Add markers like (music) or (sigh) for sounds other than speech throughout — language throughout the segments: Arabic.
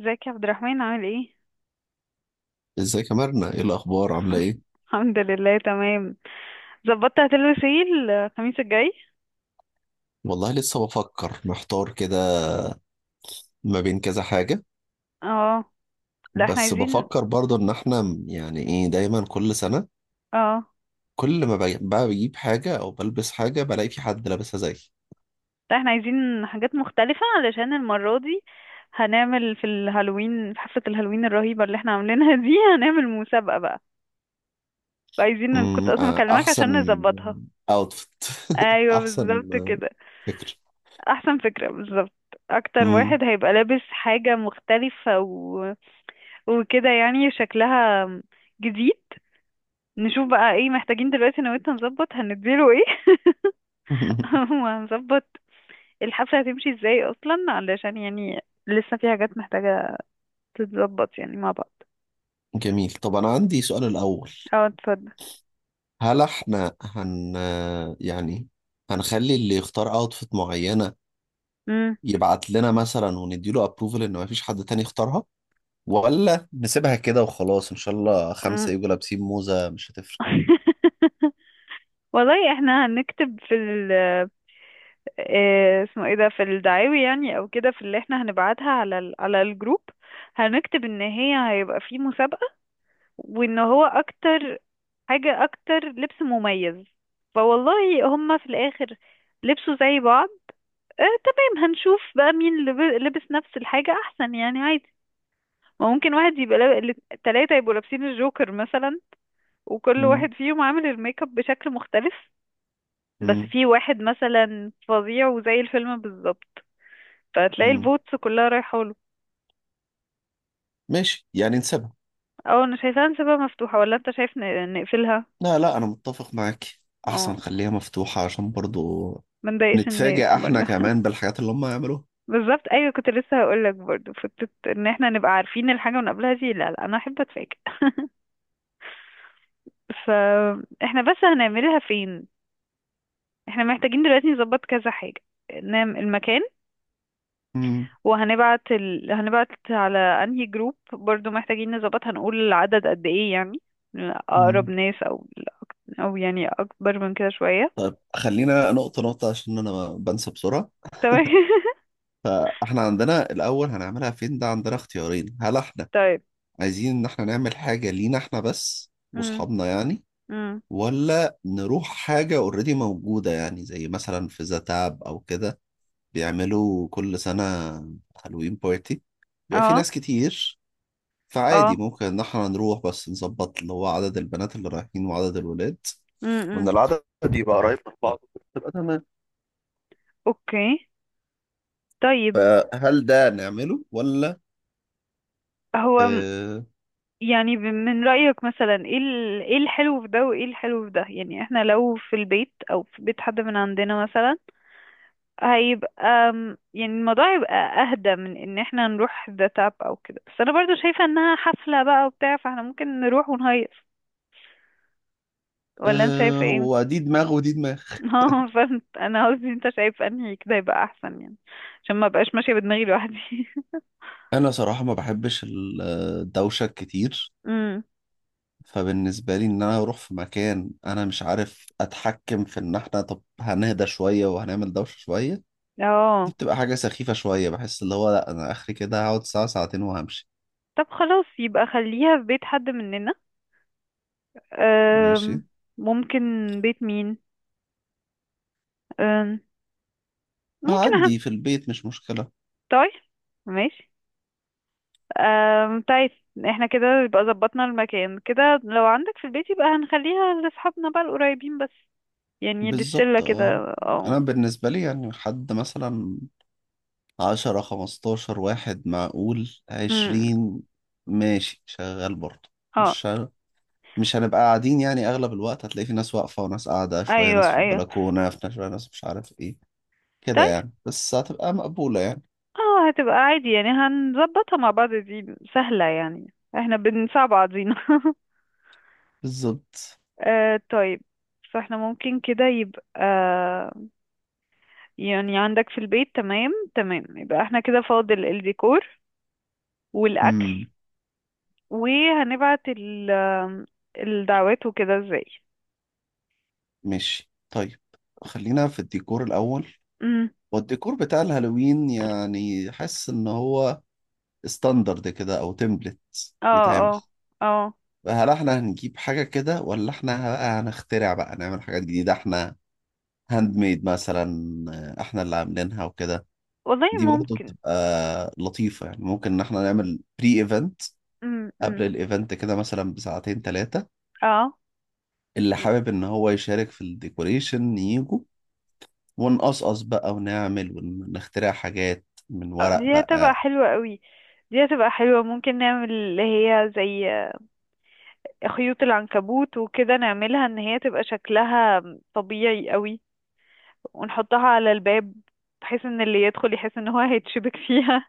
ازيك يا عبد الرحمن عامل ايه؟ ازيك يا مرنة؟ ايه الاخبار؟ عاملة (laughs) ايه؟ الحمد لله تمام. ظبطت هتلبس ايه الخميس الجاي؟ والله لسه بفكر، محتار كده ما بين كذا حاجة. اه. لا احنا بس عايزين بفكر برضه ان احنا يعني ايه، دايما كل سنة اه كل ما بقى بجيب حاجة او بلبس حاجة بلاقي في حد لابسها زيي. لا احنا عايزين حاجات مختلفة علشان المرة دي هنعمل في الهالوين، في حفلة الهالوين الرهيبة اللي احنا عاملينها دي، هنعمل مسابقة بقى، فعايزين، كنت أمم، اصلا آه، مكلمك احسن عشان نظبطها. اوتفيت. (laughs) ايوه احسن بالظبط كده. فكر. احسن فكرة بالظبط. اكتر أمم. واحد هيبقى لابس حاجة مختلفة وكده يعني شكلها جديد. نشوف بقى ايه محتاجين دلوقتي انا وانت نظبط، هنديله ايه؟ (laughs) (laughs) وهنظبط الحفلة هتمشي ازاي اصلا، علشان يعني لسه في حاجات محتاجة تتظبط يعني مع بعض. جميل. طب انا عندي سؤال الاول. اه اتفضل. هل احنا هن يعني هنخلي اللي يختار اوتفيت معينة مم. يبعت لنا مثلا ونديله ابروفل ان مفيش حد تاني اختارها، ولا نسيبها كده وخلاص ان شاء الله مم. خمسة يجوا لابسين موزة مش هتفرق؟ (laughs) والله احنا هنكتب في ال آه، اسمه ايه ده، في الدعاوي يعني او كده، في اللي احنا هنبعتها على ال على الجروب، هنكتب ان هي هيبقى في مسابقة، وان هو اكتر حاجة أكتر لبس مميز. فوالله هما في الآخر لبسوا زي بعض. آه تمام، هنشوف بقى مين لبس نفس الحاجة أحسن، يعني عادي. ما ممكن واحد يبقى التلاتة يبقوا لابسين الجوكر مثلا، وكل مم. واحد فيهم عامل الميك اب بشكل مختلف، بس مم. في واحد مثلا فظيع وزي الفيلم بالظبط، فتلاقي مم. الفوتس كلها رايحة له. ماشي، يعني نسيبها. اه انا شايفاها نسيبها مفتوحة، ولا انت شايف نقفلها؟ لا، لا، انا متفق معاك. احسن اه. خليها مفتوحة عشان برضو ما نضايقش الناس نتفاجئ احنا برضه. كمان بالحاجات اللي هم هيعملوها. بالظبط ايوه، كنت لسه هقول لك برضه فكره ان احنا نبقى عارفين الحاجه من قبلها دي، لا لا، انا احب اتفاجئ. فاحنا بس هنعملها فين؟ احنا محتاجين دلوقتي نظبط كذا حاجه، نعمل المكان، مم. هنبعت على انهي جروب، برضو محتاجين نظبط هنقول العدد قد ايه يعني، اقرب مم. ناس او او يعني اكبر من كده شويه. طيب خلينا نقطة نقطة عشان انا بنسى بسرعة. تمام. فاحنا عندنا الاول هنعملها فين، ده عندنا اختيارين. هل احنا (laughs) طيب. عايزين ان احنا نعمل حاجة لينا احنا بس امم واصحابنا يعني، امم. ولا نروح حاجة اوريدي موجودة، يعني زي مثلا في زتاب أو كده بيعملوا كل سنة هالوين بارتي، بيبقى في اه ناس كتير. فعادي اه. ممكن إن احنا نروح بس نظبط اللي هو عدد البنات اللي رايحين وعدد الولاد، امم. وإن العدد يبقى قريب من بعض تبقى تمام. اوكي. طيب، فهل ده نعمله ولا؟ هو آه. يعني من رأيك مثلا ايه ايه الحلو في ده وايه الحلو في ده، يعني احنا لو في البيت او في بيت حد من عندنا مثلا، هيبقى يعني الموضوع هيبقى اهدى من ان احنا نروح ده تاب او كده، بس انا برضو شايفة انها حفلة بقى وبتاع، فاحنا ممكن نروح ونهيص، ولا انت آه، شايفة ايه؟ هو دي دماغ ودي دماغ. (laughs) اه فهمت، انا قصدي انت شايف انهي كده يبقى احسن يعني، عشان ما بقاش ماشية بدماغي لوحدي. (laughs) أنا صراحة ما بحبش الدوشة كتير، امم. فبالنسبة لي إن أنا أروح في مكان أنا مش عارف أتحكم في إن إحنا، طب هنهدى شوية وهنعمل دوشة شوية، دي اه. بتبقى حاجة سخيفة شوية، بحس اللي هو لأ، أنا آخري كده هقعد ساعة ساعتين وهمشي. طب خلاص، يبقى خليها في بيت حد مننا. ماشي. أم، ممكن. بيت مين؟ أم، ممكن اهم. هعدي في البيت مش مشكلة. طيب ماشي. طيب احنا كده يبقى ظبطنا المكان، كده لو عندك في البيت يبقى هنخليها لاصحابنا بقى القريبين بس، يعني للشلة بالظبط، كده. اه. اه. أنا بالنسبة لي يعني حد مثلا 10 15 واحد، معقول أم، 20. ماشي شغال برضه. اه. مش مش هنبقى قاعدين، يعني اغلب الوقت هتلاقي في ناس واقفه وناس قاعده شويه، ايوه ناس في ايوه. البلكونه، في ناس، شويه ناس مش عارف ايه، كده طيب. يعني، بس هتبقى مقبولة يعني. اه هتبقى عادي يعني، هنظبطها مع بعض، دي سهلة يعني، احنا بنساعد بعضينا. (laughs) بالظبط. آه طيب، فاحنا ممكن كده يبقى يعني عندك في البيت، تمام تمام. يبقى احنا كده فاضل الديكور والأكل، امم وهنبعت ال الدعوات وكده ازاي. ماشي، طيب خلينا في الديكور الأول. امم. والديكور بتاع الهالوين يعني حاسس إن هو ستاندرد كده أو تمبلت اه اه بيتعمل. اه. فهل احنا هنجيب حاجة كده ولا احنا بقى هنخترع بقى نعمل حاجات جديدة احنا هاند ميد مثلا، احنا اللي عاملينها وكده. والله دي برضه ممكن. بتبقى لطيفة، يعني ممكن ان احنا نعمل بري ايفنت قبل امم. الايفنت كده مثلا بساعتين ثلاثة، اه. اللي حابب ان هو يشارك في الديكوريشن ييجوا، ونقصقص بقى ونعمل ونخترع حاجات من آه، ورق دي هتبقى بقى. حلوة قوي، دي هتبقى حلوة، ممكن نعمل اللي هي زي خيوط العنكبوت وكده، نعملها ان هي تبقى شكلها طبيعي قوي ونحطها على الباب، بحيث ان اللي يدخل يحس ان هو هيتشبك فيها.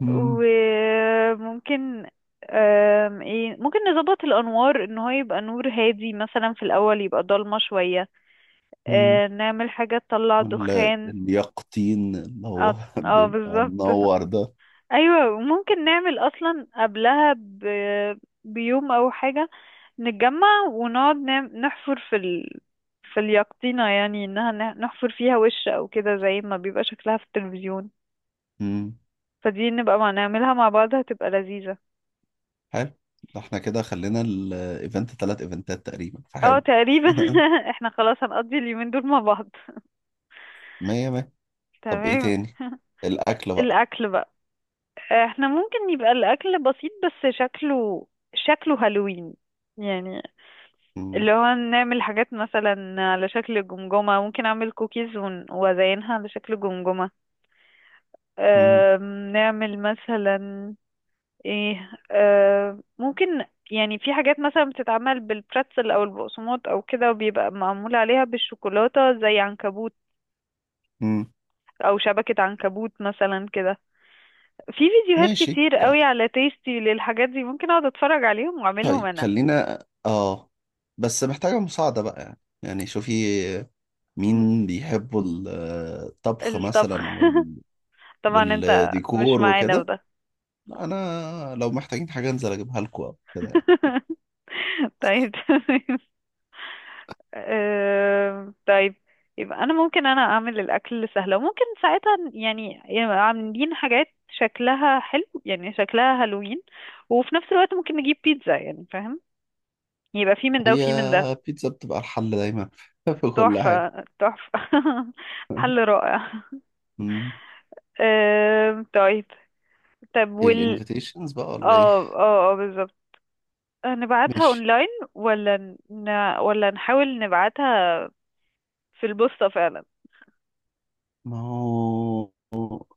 مم. وممكن آم، ايه ممكن نظبط الانوار ان هو يبقى نور هادي مثلا، في الاول يبقى ضلمه شويه. مم. آه، نعمل حاجه تطلع ولا دخان. اليقطين اللي اه. هو (laughs) آه، بيبقى بالظبط. (laughs) منور ده؟ ايوه ممكن نعمل اصلا قبلها بيوم او حاجه، نتجمع ونقعد نعم نحفر في اليقطينه، يعني انها نحفر فيها وش او كده زي ما بيبقى شكلها في التلفزيون. مم. فدي نبقى مع نعملها مع بعض، هتبقى لذيذه. حلو. ده احنا كده خلينا الايفنت 3 ايفنتات تقريبا، اه فحلو. تقريبا. (laughs) (laughs) احنا خلاص هنقضي اليومين دول مع بعض. مية مية. طب ايه تمام. تاني؟ (laughs) الاكل بقى. الاكل بقى، احنا ممكن يبقى الاكل بسيط بس شكله شكله هالوين، يعني مم. اللي هو نعمل حاجات مثلا على شكل جمجمة، ممكن اعمل كوكيز وازينها على شكل جمجمة. مم. نعمل مثلا ايه، ممكن يعني في حاجات مثلا بتتعمل بالبرتزل او البقسماط او كده، وبيبقى معمول عليها بالشوكولاتة زي عنكبوت، مم. او شبكة عنكبوت مثلا كده. في فيديوهات ماشي. كتير قوي على تيستي للحاجات دي، ممكن اقعد اتفرج عليهم واعملهم طيب انا. خلينا، بس محتاجة مساعدة بقى، يعني شوفي مين بيحبوا الطبخ الطبخ. مثلا (laughs) طبعا انت مش والديكور معانا في وكده. ده. لا، انا لو محتاجين حاجه انزل اجيبها لكم او كده يعني. (laughs) طيب تمام. طيب، يبقى انا ممكن انا اعمل الاكل سهله، وممكن ساعتها يعني يبقى عاملين حاجات شكلها حلو يعني شكلها هالوين، وفي نفس الوقت ممكن نجيب بيتزا، يعني فاهم؟ يبقى في من ده هي وفي من ده. بيتزا بتبقى الحل دايما (laughs) في كل حاجه. تحفه تحفه. (laughs) حل (laughs) رائع. مم. طيب. طب وال الانفيتيشنز بقى ولا ايه؟ اه اه اه بالظبط. هنبعتها ماشي. اونلاين، ولا ن... ولا نحاول نبعتها في البوسطة فعلا؟ ما هو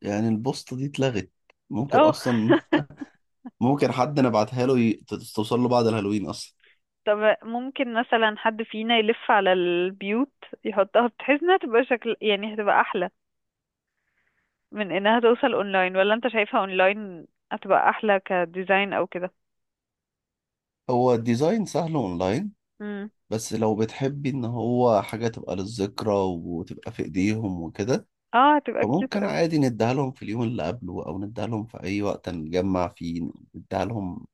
يعني البوسطه دي اتلغت ممكن اه. اصلا. (laughs) (laughs) ممكن حد نبعتها له توصل له بعد الهالوين اصلا. طب ممكن مثلا حد فينا يلف على البيوت يحطها، بحيث انها تبقى شكل يعني هتبقى احلى من انها توصل اونلاين، ولا انت شايفها اونلاين هتبقى احلى كديزاين او كده؟ هو الديزاين سهل اونلاين، امم. بس لو بتحبي ان هو حاجة تبقى للذكرى وتبقى في ايديهم وكده، اه هتبقى كيوت فممكن اوي. عادي نديها لهم في اليوم اللي قبله، او نديها لهم في اي وقت نجمع فيه، نديها لهم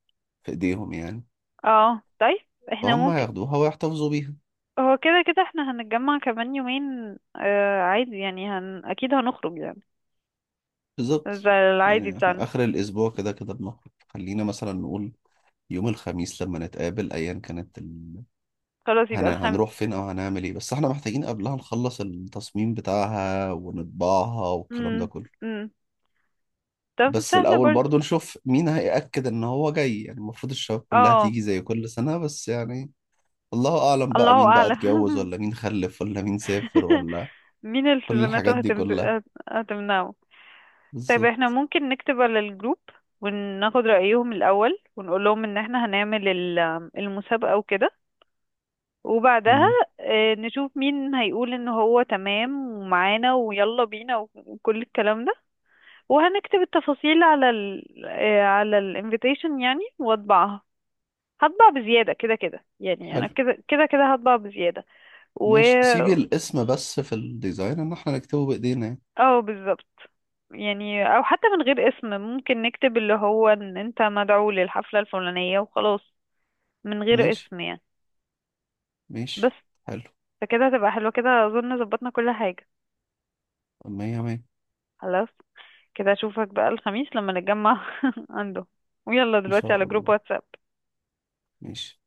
في ايديهم يعني، اه طيب احنا فهم ممكن، هياخدوها ويحتفظوا بيها. هو كده كده احنا هنتجمع كمان يومين، آه عادي يعني اكيد هنخرج يعني بالظبط. زي العادي يعني احنا بتاعنا. اخر الاسبوع كده كده بنخرج، خلينا مثلا نقول يوم الخميس لما نتقابل، ايا كانت خلاص يبقى الخم. هنروح فين او هنعمل ايه، بس احنا محتاجين قبلها نخلص التصميم بتاعها ونطبعها والكلام ده مم. كله. مم. طب بس سهلة الأول برضه. برضو نشوف مين هيأكد إن هو جاي، يعني المفروض الشباب كلها اه. تيجي زي كل سنة، بس يعني الله أعلم بقى الله مين بقى اتجوز، اعلم. ولا مين خلف، ولا مين سافر، (laughs) ولا مين كل الحاجات التزاماته دي كلها. هتمنعه. طيب احنا بالظبط. ممكن نكتب على الجروب وناخد رأيهم الأول، ونقول لهم ان احنا هنعمل المسابقة وكده، وبعدها مم. آه، نشوف مين هيقول ان هو تمام ومعانا ويلا بينا وكل الكلام ده. وهنكتب التفاصيل على ال آه، على الانفيتيشن يعني، واطبعها. هطبع بزيادة كده كده، يعني انا حلو. كده كده كده هطبع بزيادة. و... ماشي، سيبي الاسم بس في الديزاين إن احنا نكتبه بإيدينا يعني. اه بالظبط. يعني او حتى من غير اسم، ممكن نكتب اللي هو ان انت مدعو للحفلة الفلانية وخلاص، من غير ماشي، اسم يعني. بس. ماشي. حلو. فكده هتبقى حلوة، كده اظن ظبطنا كل حاجة. مية مية. خلاص، كده اشوفك بقى الخميس لما نتجمع (laughs) عنده، ويلا إن دلوقتي على شاء جروب الله. واتساب. ماشي.